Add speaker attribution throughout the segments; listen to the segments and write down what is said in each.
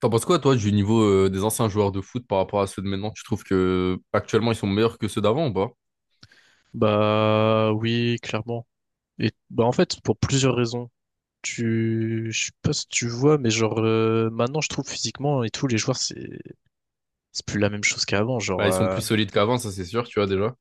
Speaker 1: T'en penses quoi, toi, du niveau des anciens joueurs de foot par rapport à ceux de maintenant? Tu trouves que actuellement ils sont meilleurs que ceux d'avant ou pas?
Speaker 2: Bah oui, clairement. Et bah en fait, pour plusieurs raisons. Je sais pas si tu vois, mais genre maintenant je trouve physiquement et tout, les joueurs c'est plus la même chose qu'avant,
Speaker 1: Bah,
Speaker 2: genre
Speaker 1: ils sont plus solides qu'avant, ça c'est sûr, tu vois déjà.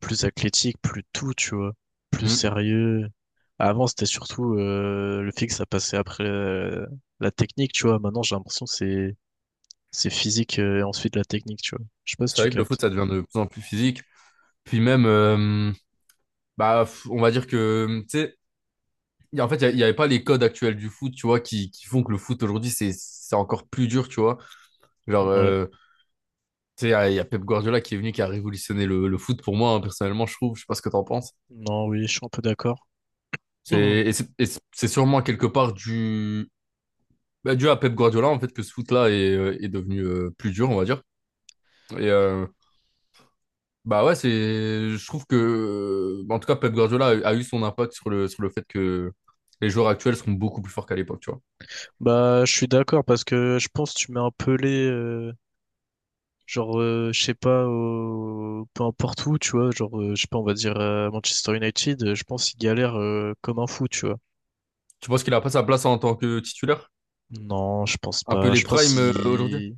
Speaker 2: plus athlétique, plus tout, tu vois, plus
Speaker 1: Mm.
Speaker 2: sérieux. Avant c'était surtout le fixe, ça passait après la technique, tu vois. Maintenant j'ai l'impression que c'est physique et ensuite la technique, tu vois. Je sais pas si
Speaker 1: C'est
Speaker 2: tu
Speaker 1: vrai que le
Speaker 2: captes.
Speaker 1: foot, ça devient de plus en plus physique. Puis même, bah, on va dire que, tu sais, en fait, il n'y avait pas les codes actuels du foot, tu vois, qui font que le foot aujourd'hui, c'est encore plus dur, tu vois. Genre,
Speaker 2: Ouais.
Speaker 1: tu sais, il y a Pep Guardiola qui est venu, qui a révolutionné le foot pour moi, hein, personnellement, je trouve, je sais pas ce que t'en penses.
Speaker 2: Non, oui, je suis un peu d'accord.
Speaker 1: C'est, et c'est et c'est c'est sûrement quelque part du. Bah, dû à Pep Guardiola, en fait, que ce foot-là est devenu plus dur, on va dire. Et euh, bah ouais, je trouve que, en tout cas, Pep Guardiola a eu son impact sur sur le fait que les joueurs actuels sont beaucoup plus forts qu'à l'époque, tu vois.
Speaker 2: Bah, je suis d'accord parce que je pense que tu mets un Pelé, genre, je sais pas, peu importe où, tu vois, genre, je sais pas, on va dire Manchester United, je pense qu'il galère comme un fou, tu vois.
Speaker 1: Tu penses qu'il a pas sa place en tant que titulaire?
Speaker 2: Non, je pense
Speaker 1: Un peu
Speaker 2: pas.
Speaker 1: les
Speaker 2: Je pense
Speaker 1: primes aujourd'hui?
Speaker 2: qu'il...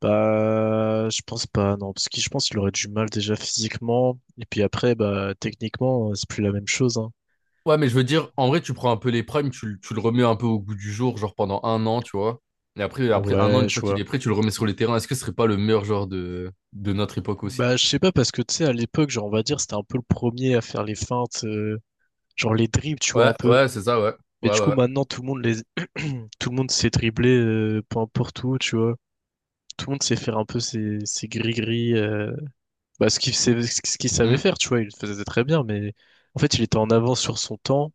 Speaker 2: Bah, je pense pas, non, parce que je pense qu'il aurait du mal déjà physiquement, et puis après, bah, techniquement, c'est plus la même chose, hein.
Speaker 1: Ouais, mais je veux dire, en vrai, tu prends un peu les primes, tu le remets un peu au goût du jour, genre pendant un an, tu vois. Et après un an,
Speaker 2: Ouais,
Speaker 1: une
Speaker 2: je
Speaker 1: fois
Speaker 2: vois.
Speaker 1: qu'il est prêt, tu le remets sur les terrains. Est-ce que ce serait pas le meilleur joueur de notre époque aussi?
Speaker 2: Bah, je sais pas, parce que tu sais, à l'époque, genre, on va dire, c'était un peu le premier à faire les feintes, genre les dribbles, tu vois,
Speaker 1: Ouais,
Speaker 2: un peu.
Speaker 1: ouais, c'est ça, ouais.
Speaker 2: Mais
Speaker 1: Ouais,
Speaker 2: du
Speaker 1: ouais,
Speaker 2: coup,
Speaker 1: ouais.
Speaker 2: maintenant, tout le monde sait dribbler, peu importe où, tu vois. Tout le monde sait faire un peu ses gris-gris, bah, ce qu'il savait
Speaker 1: Hmm.
Speaker 2: faire, tu vois. Il le faisait très bien, mais en fait, il était en avance sur son temps.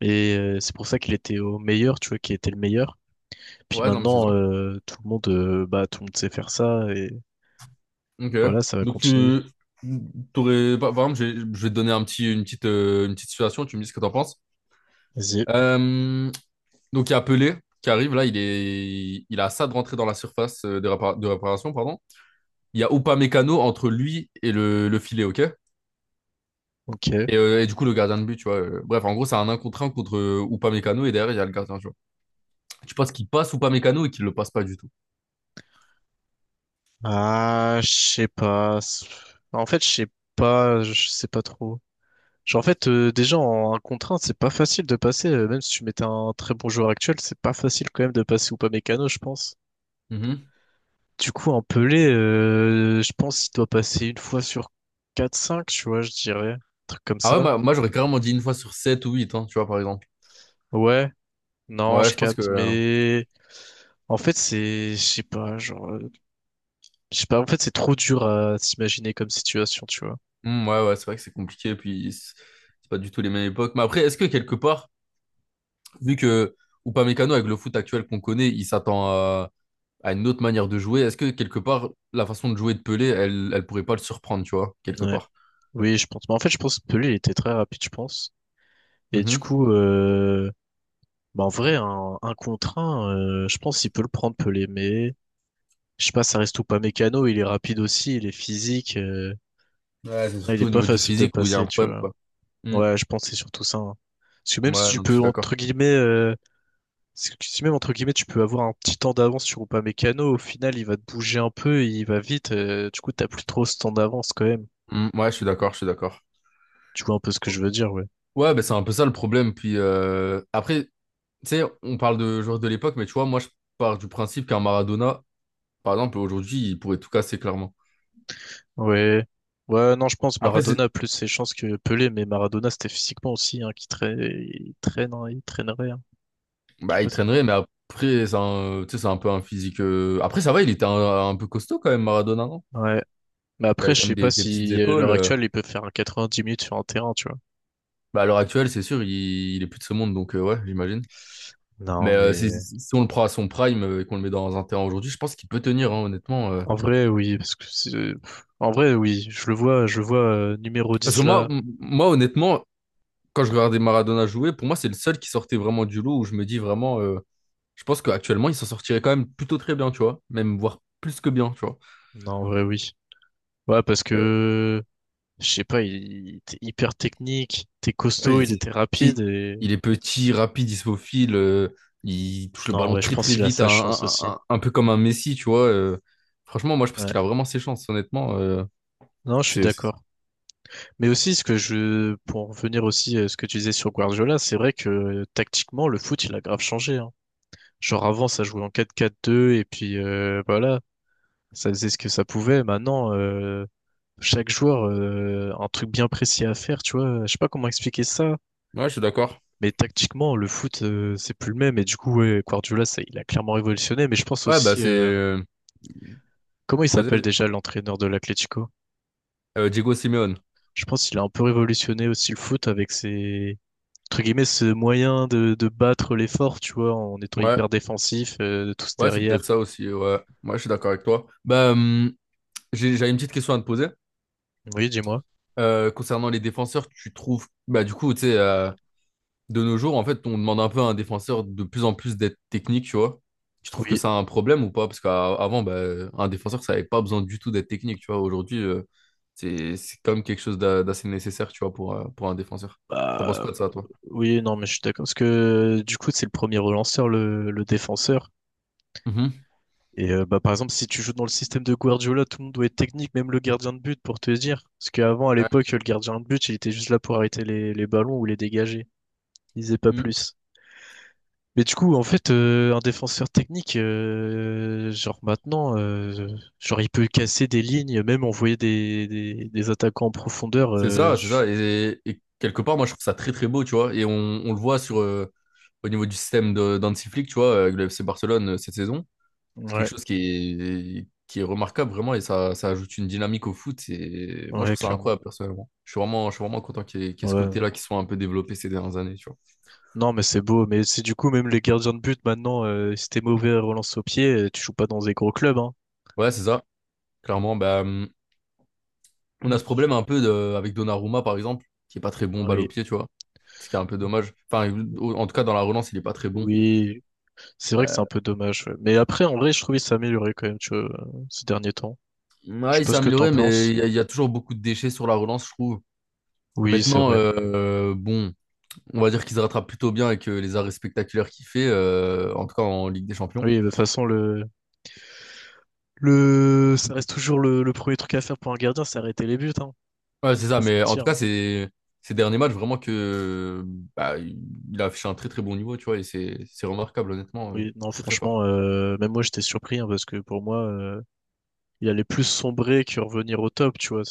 Speaker 2: Et c'est pour ça qu'il était au meilleur, tu vois, qu'il était le meilleur. Puis
Speaker 1: Ouais, non, mais c'est
Speaker 2: maintenant,
Speaker 1: ça.
Speaker 2: tout le monde, bah, tout le monde sait faire ça. Et
Speaker 1: Ok.
Speaker 2: voilà, ça va
Speaker 1: Donc,
Speaker 2: continuer.
Speaker 1: tu t'aurais. Par exemple, je vais te donner un petit, une petite situation, tu me dis ce que t'en penses.
Speaker 2: Vas-y.
Speaker 1: Euh, donc, il y a Pelé qui arrive, là, il a ça de rentrer dans la surface de réparation, pardon. Il y a Upamecano entre lui et le filet, ok?
Speaker 2: Ok.
Speaker 1: Et du coup, le gardien de but, tu vois. Bref, en gros, c'est un 1 contre 1 contre Upamecano et derrière, il y a le gardien, tu vois. Tu penses qu'il passe Upamecano et qu'il le passe pas du tout.
Speaker 2: Ah, je sais pas. En fait, je sais pas. Je sais pas trop. Genre, en fait, déjà en 1 contre 1, c'est pas facile de passer. Même si tu mettais un très bon joueur actuel, c'est pas facile quand même de passer ou pas Mécano, je pense.
Speaker 1: Mhm.
Speaker 2: Du coup, un Pelé, je pense qu'il doit passer une fois sur 4 5, tu vois, je dirais. Un truc comme
Speaker 1: Ah ouais,
Speaker 2: ça.
Speaker 1: moi, j'aurais carrément dit une fois sur 7 ou 8, hein, tu vois, par exemple.
Speaker 2: Ouais, non,
Speaker 1: Ouais,
Speaker 2: je
Speaker 1: je pense que.
Speaker 2: capte, mais en fait, c'est, je sais pas, genre. Je sais pas, en fait, c'est trop dur à s'imaginer comme situation, tu vois.
Speaker 1: Hmm, ouais, ouais, c'est vrai que c'est compliqué, puis c'est pas du tout les mêmes époques. Mais après, est-ce que quelque part, vu que Upamecano, avec le foot actuel qu'on connaît, il s'attend à une autre manière de jouer, est-ce que quelque part, la façon de jouer de Pelé, elle, elle pourrait pas le surprendre, tu vois, quelque
Speaker 2: Ouais.
Speaker 1: part?
Speaker 2: Oui, je pense. Mais en fait, je pense que lui, il était très rapide, je pense. Et du
Speaker 1: Mhm.
Speaker 2: coup, bah, en vrai, un contre un, je pense qu'il peut le prendre, Pelé. Mais je sais pas, ça reste ou pas mécano. Il est rapide aussi, il est physique. euh,
Speaker 1: Ouais, c'est
Speaker 2: ouais, il
Speaker 1: surtout
Speaker 2: est
Speaker 1: au
Speaker 2: pas
Speaker 1: niveau du
Speaker 2: facile de
Speaker 1: physique où il y a
Speaker 2: passer,
Speaker 1: un
Speaker 2: tu
Speaker 1: problème,
Speaker 2: vois.
Speaker 1: quoi. Hmm.
Speaker 2: Ouais, je pense que c'est surtout ça, hein. Parce que même si
Speaker 1: Ouais,
Speaker 2: tu
Speaker 1: non, mais je
Speaker 2: peux,
Speaker 1: suis d'accord.
Speaker 2: entre guillemets, si même, entre guillemets, tu peux avoir un petit temps d'avance sur Upamecano, au final, il va te bouger un peu, il va vite, du coup, t'as plus trop ce temps d'avance quand même.
Speaker 1: Hmm, ouais, je suis d'accord, je suis d'accord.
Speaker 2: Tu vois un peu ce que je veux dire, ouais.
Speaker 1: Ouais, ben c'est un peu ça le problème. Puis après, tu sais, on parle de joueurs de l'époque, mais tu vois, moi, je pars du principe qu'un Maradona, par exemple, aujourd'hui, il pourrait tout casser, clairement.
Speaker 2: Ouais. Ouais, non, je pense
Speaker 1: Après,
Speaker 2: Maradona a plus ses chances que Pelé, mais Maradona, c'était physiquement aussi, hein, qui traîne, il traîne, hein, il traînerait, hein. Je sais
Speaker 1: bah,
Speaker 2: pas
Speaker 1: il
Speaker 2: si-
Speaker 1: traînerait, mais après, tu sais, c'est un peu un physique. Après, ça va, il était un peu costaud quand même, Maradona, non?
Speaker 2: Ouais. Mais
Speaker 1: Il
Speaker 2: après,
Speaker 1: avait
Speaker 2: je
Speaker 1: quand même
Speaker 2: sais pas
Speaker 1: des petites
Speaker 2: si, à
Speaker 1: épaules.
Speaker 2: l'heure actuelle, il peut faire un 90 minutes sur un terrain, tu vois.
Speaker 1: Bah, à l'heure actuelle, c'est sûr, il est plus de ce monde, donc ouais, j'imagine. Mais
Speaker 2: Non,
Speaker 1: euh,
Speaker 2: mais...
Speaker 1: si on le prend à son prime et qu'on le met dans un terrain aujourd'hui, je pense qu'il peut tenir, hein, honnêtement.
Speaker 2: En vrai, oui, parce que en vrai, oui, je le vois numéro
Speaker 1: Parce que
Speaker 2: 10
Speaker 1: moi,
Speaker 2: là.
Speaker 1: moi, honnêtement, quand je regardais Maradona jouer, pour moi, c'est le seul qui sortait vraiment du lot où je me dis vraiment, je pense qu'actuellement, il s'en sortirait quand même plutôt très bien, tu vois, même voire plus que bien, tu vois.
Speaker 2: Non, en vrai, oui. Ouais, parce que je sais pas, il était hyper technique, il était costaud,
Speaker 1: Ouais,
Speaker 2: il
Speaker 1: c'est-
Speaker 2: était
Speaker 1: c'est-
Speaker 2: rapide et
Speaker 1: il est petit, rapide, issophile, il touche le
Speaker 2: non,
Speaker 1: ballon
Speaker 2: ouais, je
Speaker 1: très
Speaker 2: pense
Speaker 1: très
Speaker 2: qu'il a
Speaker 1: vite,
Speaker 2: sa chance aussi.
Speaker 1: un peu comme un Messi, tu vois. Franchement, moi je pense
Speaker 2: Ouais.
Speaker 1: qu'il a vraiment ses chances, honnêtement.
Speaker 2: Non, je suis
Speaker 1: C'est, c'est-
Speaker 2: d'accord. Mais aussi ce que je pour revenir aussi à ce que tu disais sur Guardiola, c'est vrai que tactiquement le foot, il a grave changé, hein. Genre avant ça jouait en 4-4-2 et puis voilà, ça faisait ce que ça pouvait. Maintenant chaque joueur un truc bien précis à faire, tu vois. Je sais pas comment expliquer ça,
Speaker 1: Ouais, je suis d'accord.
Speaker 2: mais tactiquement, le foot, c'est plus le même. Et du coup, ouais, Guardiola, ça, il a clairement révolutionné. Mais je pense
Speaker 1: Ouais, bah
Speaker 2: aussi,
Speaker 1: c'est.
Speaker 2: comment il
Speaker 1: Vas-y,
Speaker 2: s'appelle
Speaker 1: vas-y.
Speaker 2: déjà l'entraîneur de l'Atlético?
Speaker 1: Diego Simeone.
Speaker 2: Je pense qu'il a un peu révolutionné aussi le foot avec ses, entre guillemets, ce moyen de, battre l'effort, tu vois, en étant
Speaker 1: Ouais,
Speaker 2: hyper défensif, de tous
Speaker 1: ouais, c'est peut-être
Speaker 2: derrière.
Speaker 1: ça aussi, ouais. Moi je suis d'accord avec toi. Bah, j'avais une petite question à te poser.
Speaker 2: Oui, dis-moi.
Speaker 1: Concernant les défenseurs, tu trouves. Bah du coup, tu sais, de nos jours, en fait, on demande un peu à un défenseur de plus en plus d'être technique, tu vois. Tu trouves que
Speaker 2: Oui.
Speaker 1: ça a un problème ou pas? Parce qu'avant, bah, un défenseur, ça n'avait pas besoin du tout d'être technique, tu vois. Aujourd'hui, c'est quand même quelque chose d'assez nécessaire, tu vois, pour un défenseur. T'en penses
Speaker 2: Bah,
Speaker 1: quoi de ça, toi?
Speaker 2: oui, non, mais je suis d'accord. Parce que, du coup, c'est le premier relanceur, le défenseur.
Speaker 1: Mhm.
Speaker 2: Et bah, par exemple, si tu joues dans le système de Guardiola, tout le monde doit être technique, même le gardien de but, pour te dire. Parce qu'avant, à
Speaker 1: Ouais.
Speaker 2: l'époque, le gardien de but, il était juste là pour arrêter les ballons ou les dégager. Il faisait pas
Speaker 1: Mm.
Speaker 2: plus. Mais du coup, en fait, un défenseur technique, genre maintenant, genre il peut casser des lignes, même envoyer des attaquants en profondeur.
Speaker 1: C'est ça, c'est ça. Et quelque part, moi, je trouve ça très, très beau, tu vois. Et on le voit au niveau du système d'Hansi Flick, tu vois, avec le FC Barcelone cette saison. C'est quelque
Speaker 2: Ouais,
Speaker 1: chose qui est, remarquable vraiment et ça ajoute une dynamique au foot. Et moi, je
Speaker 2: ouais,
Speaker 1: trouve ça
Speaker 2: clairement.
Speaker 1: incroyable personnellement. Je suis vraiment content qu'il y ait
Speaker 2: Ouais.
Speaker 1: ce
Speaker 2: Ouais.
Speaker 1: côté-là qui soit un peu développé ces dernières années. Tu vois.
Speaker 2: Non, mais c'est beau. Mais c'est du coup, même les gardiens de but, maintenant, si t'es mauvais à relance au pied, tu joues pas dans des gros clubs, hein.
Speaker 1: Ouais, c'est ça. Clairement, bah, on a ce problème un peu avec Donnarumma, par exemple, qui est pas très bon balle au
Speaker 2: Oui.
Speaker 1: pied, tu vois. Ce qui est un peu dommage. Enfin, en tout cas, dans la relance, il est pas très bon.
Speaker 2: Oui, c'est vrai que c'est
Speaker 1: Euh,
Speaker 2: un peu dommage, ouais. Mais après, en vrai, je trouve qu'il s'est amélioré quand même, tu vois, ces derniers temps. Je sais
Speaker 1: ouais, il
Speaker 2: pas
Speaker 1: s'est
Speaker 2: ce que t'en
Speaker 1: amélioré, mais
Speaker 2: penses.
Speaker 1: il y a toujours beaucoup de déchets sur la relance, je trouve.
Speaker 2: Oui, c'est
Speaker 1: Maintenant,
Speaker 2: vrai.
Speaker 1: bon, on va dire qu'il se rattrape plutôt bien avec les arrêts spectaculaires qu'il fait, en tout cas en Ligue des Champions.
Speaker 2: Oui, de toute façon, ça reste toujours le premier truc à faire pour un gardien, c'est arrêter les buts, hein.
Speaker 1: Ouais, c'est ça,
Speaker 2: Pas se
Speaker 1: mais en tout
Speaker 2: mentir,
Speaker 1: cas,
Speaker 2: hein.
Speaker 1: c'est ces derniers matchs, vraiment que bah, il a affiché un très très bon niveau, tu vois, et c'est remarquable, honnêtement,
Speaker 2: Oui, non,
Speaker 1: très très fort.
Speaker 2: franchement, même moi, j'étais surpris, hein, parce que pour moi, il allait plus sombrer que revenir au top, tu vois.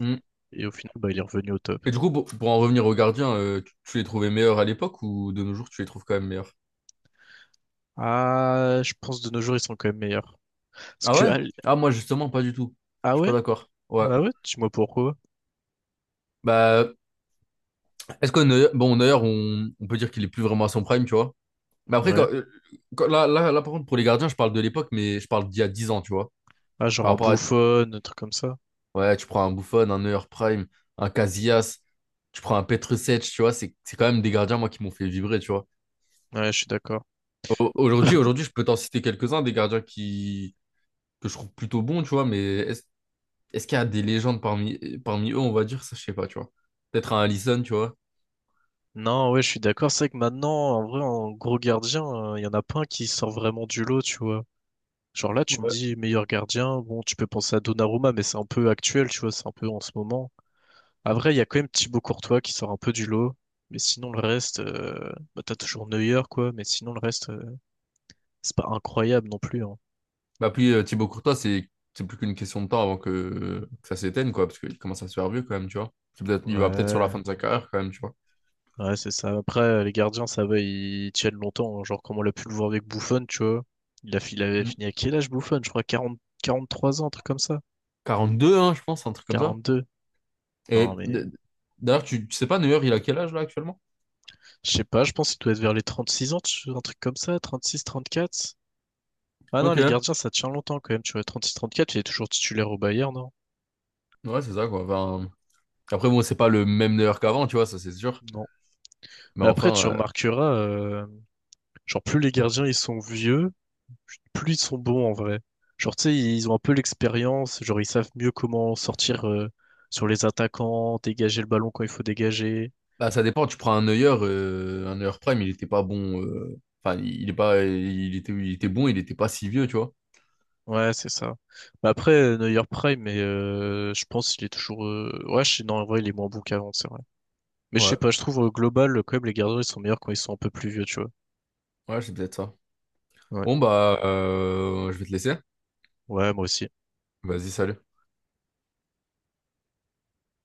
Speaker 1: Mm.
Speaker 2: Et au final, bah, il est revenu au top.
Speaker 1: Et du coup, pour en revenir aux gardiens, tu les trouvais meilleurs à l'époque ou de nos jours, tu les trouves quand même meilleurs?
Speaker 2: Ah, je pense de nos jours, ils sont quand même meilleurs. Parce
Speaker 1: Ah
Speaker 2: que,
Speaker 1: ouais?
Speaker 2: ah...
Speaker 1: Ah, moi, justement, pas du tout.
Speaker 2: Ah
Speaker 1: Je suis pas
Speaker 2: ouais?
Speaker 1: d'accord. Ouais.
Speaker 2: Ah ouais? Dis-moi pourquoi.
Speaker 1: Bah, est-ce que Neuer, bon, Neuer, on peut dire qu'il est plus vraiment à son prime, tu vois? Mais après,
Speaker 2: Ouais.
Speaker 1: là, là, là, par contre, pour les gardiens, je parle de l'époque, mais je parle d'il y a 10 ans, tu vois,
Speaker 2: Ah, genre
Speaker 1: par
Speaker 2: en
Speaker 1: rapport à.
Speaker 2: bouffonne, un truc comme ça.
Speaker 1: Ouais, tu prends un Buffon, un Neuer Prime, un Casillas, tu prends un Petrušec, tu vois, c'est quand même des gardiens, moi, qui m'ont fait vibrer, tu vois.
Speaker 2: Ouais, je suis d'accord.
Speaker 1: Aujourd'hui, je peux t'en citer quelques-uns, des gardiens qui. Que je trouve plutôt bons, tu vois, mais est-ce qu'il y a des légendes parmi eux, on va dire, ça, je sais pas, tu vois. Peut-être un Alisson, tu vois.
Speaker 2: Non, ouais, je suis d'accord. C'est vrai que maintenant, en vrai, en gros gardien, il y en a pas un qui sort vraiment du lot, tu vois. Genre là, tu me
Speaker 1: Ouais.
Speaker 2: dis meilleur gardien, bon, tu peux penser à Donnarumma, mais c'est un peu actuel, tu vois, c'est un peu en ce moment. À vrai, il y a quand même Thibaut Courtois qui sort un peu du lot, mais sinon le reste, bah, t'as toujours Neuer, quoi, mais sinon le reste, c'est pas incroyable non plus, hein.
Speaker 1: Bah, puis Thibaut Courtois, c'est plus qu'une question de temps avant que ça s'éteigne, quoi, parce qu'il commence à se faire vieux, quand même, tu vois. Il va peut-être sur la
Speaker 2: Ouais.
Speaker 1: fin de sa carrière, quand même, tu vois.
Speaker 2: Ouais, c'est ça. Après, les gardiens, ça va, ils tiennent longtemps, hein. Genre, comme on l'a pu le voir avec Buffon, tu vois. Il avait
Speaker 1: Mm.
Speaker 2: fini à quel âge, Buffon? Je crois 40 43 ans, un truc comme ça.
Speaker 1: 42, hein, je pense, un truc comme ça.
Speaker 2: 42. Non,
Speaker 1: Et
Speaker 2: mais
Speaker 1: d- d'ailleurs, tu sais pas, Neuer, il a quel âge là actuellement?
Speaker 2: je sais pas, je pense qu'il doit être vers les 36 ans, un truc comme ça, 36 34. Ah non,
Speaker 1: Ok.
Speaker 2: les
Speaker 1: Ouais,
Speaker 2: gardiens, ça tient longtemps quand même, tu vois. 36 34, il est toujours titulaire au Bayern, non?
Speaker 1: c'est ça quoi. Enfin, après, bon, c'est pas le même Neuer qu'avant, tu vois, ça c'est sûr.
Speaker 2: Non.
Speaker 1: Mais
Speaker 2: Mais après,
Speaker 1: enfin,
Speaker 2: tu remarqueras, genre, plus les gardiens, ils sont vieux, plus ils sont bons en vrai. Genre, tu sais, ils ont un peu l'expérience, genre, ils savent mieux comment sortir sur les attaquants, dégager le ballon quand il faut dégager.
Speaker 1: bah, ça dépend. Tu prends un Neuer Prime, il était pas bon. Enfin, il est pas, il était bon, il était pas si vieux, tu vois.
Speaker 2: Ouais, c'est ça. Mais après, Neuer Prime, mais je pense qu'il est toujours. Ouais, Non, en vrai, il est moins bon qu'avant, c'est vrai. Mais je sais
Speaker 1: Ouais,
Speaker 2: pas, je trouve au global, quand même, les gardiens, ils sont meilleurs quand ils sont un peu plus vieux, tu vois.
Speaker 1: ouais, c'est peut-être ça.
Speaker 2: Ouais,
Speaker 1: Bon, bah, je vais te laisser.
Speaker 2: ouais, moi aussi.
Speaker 1: Vas-y, salut.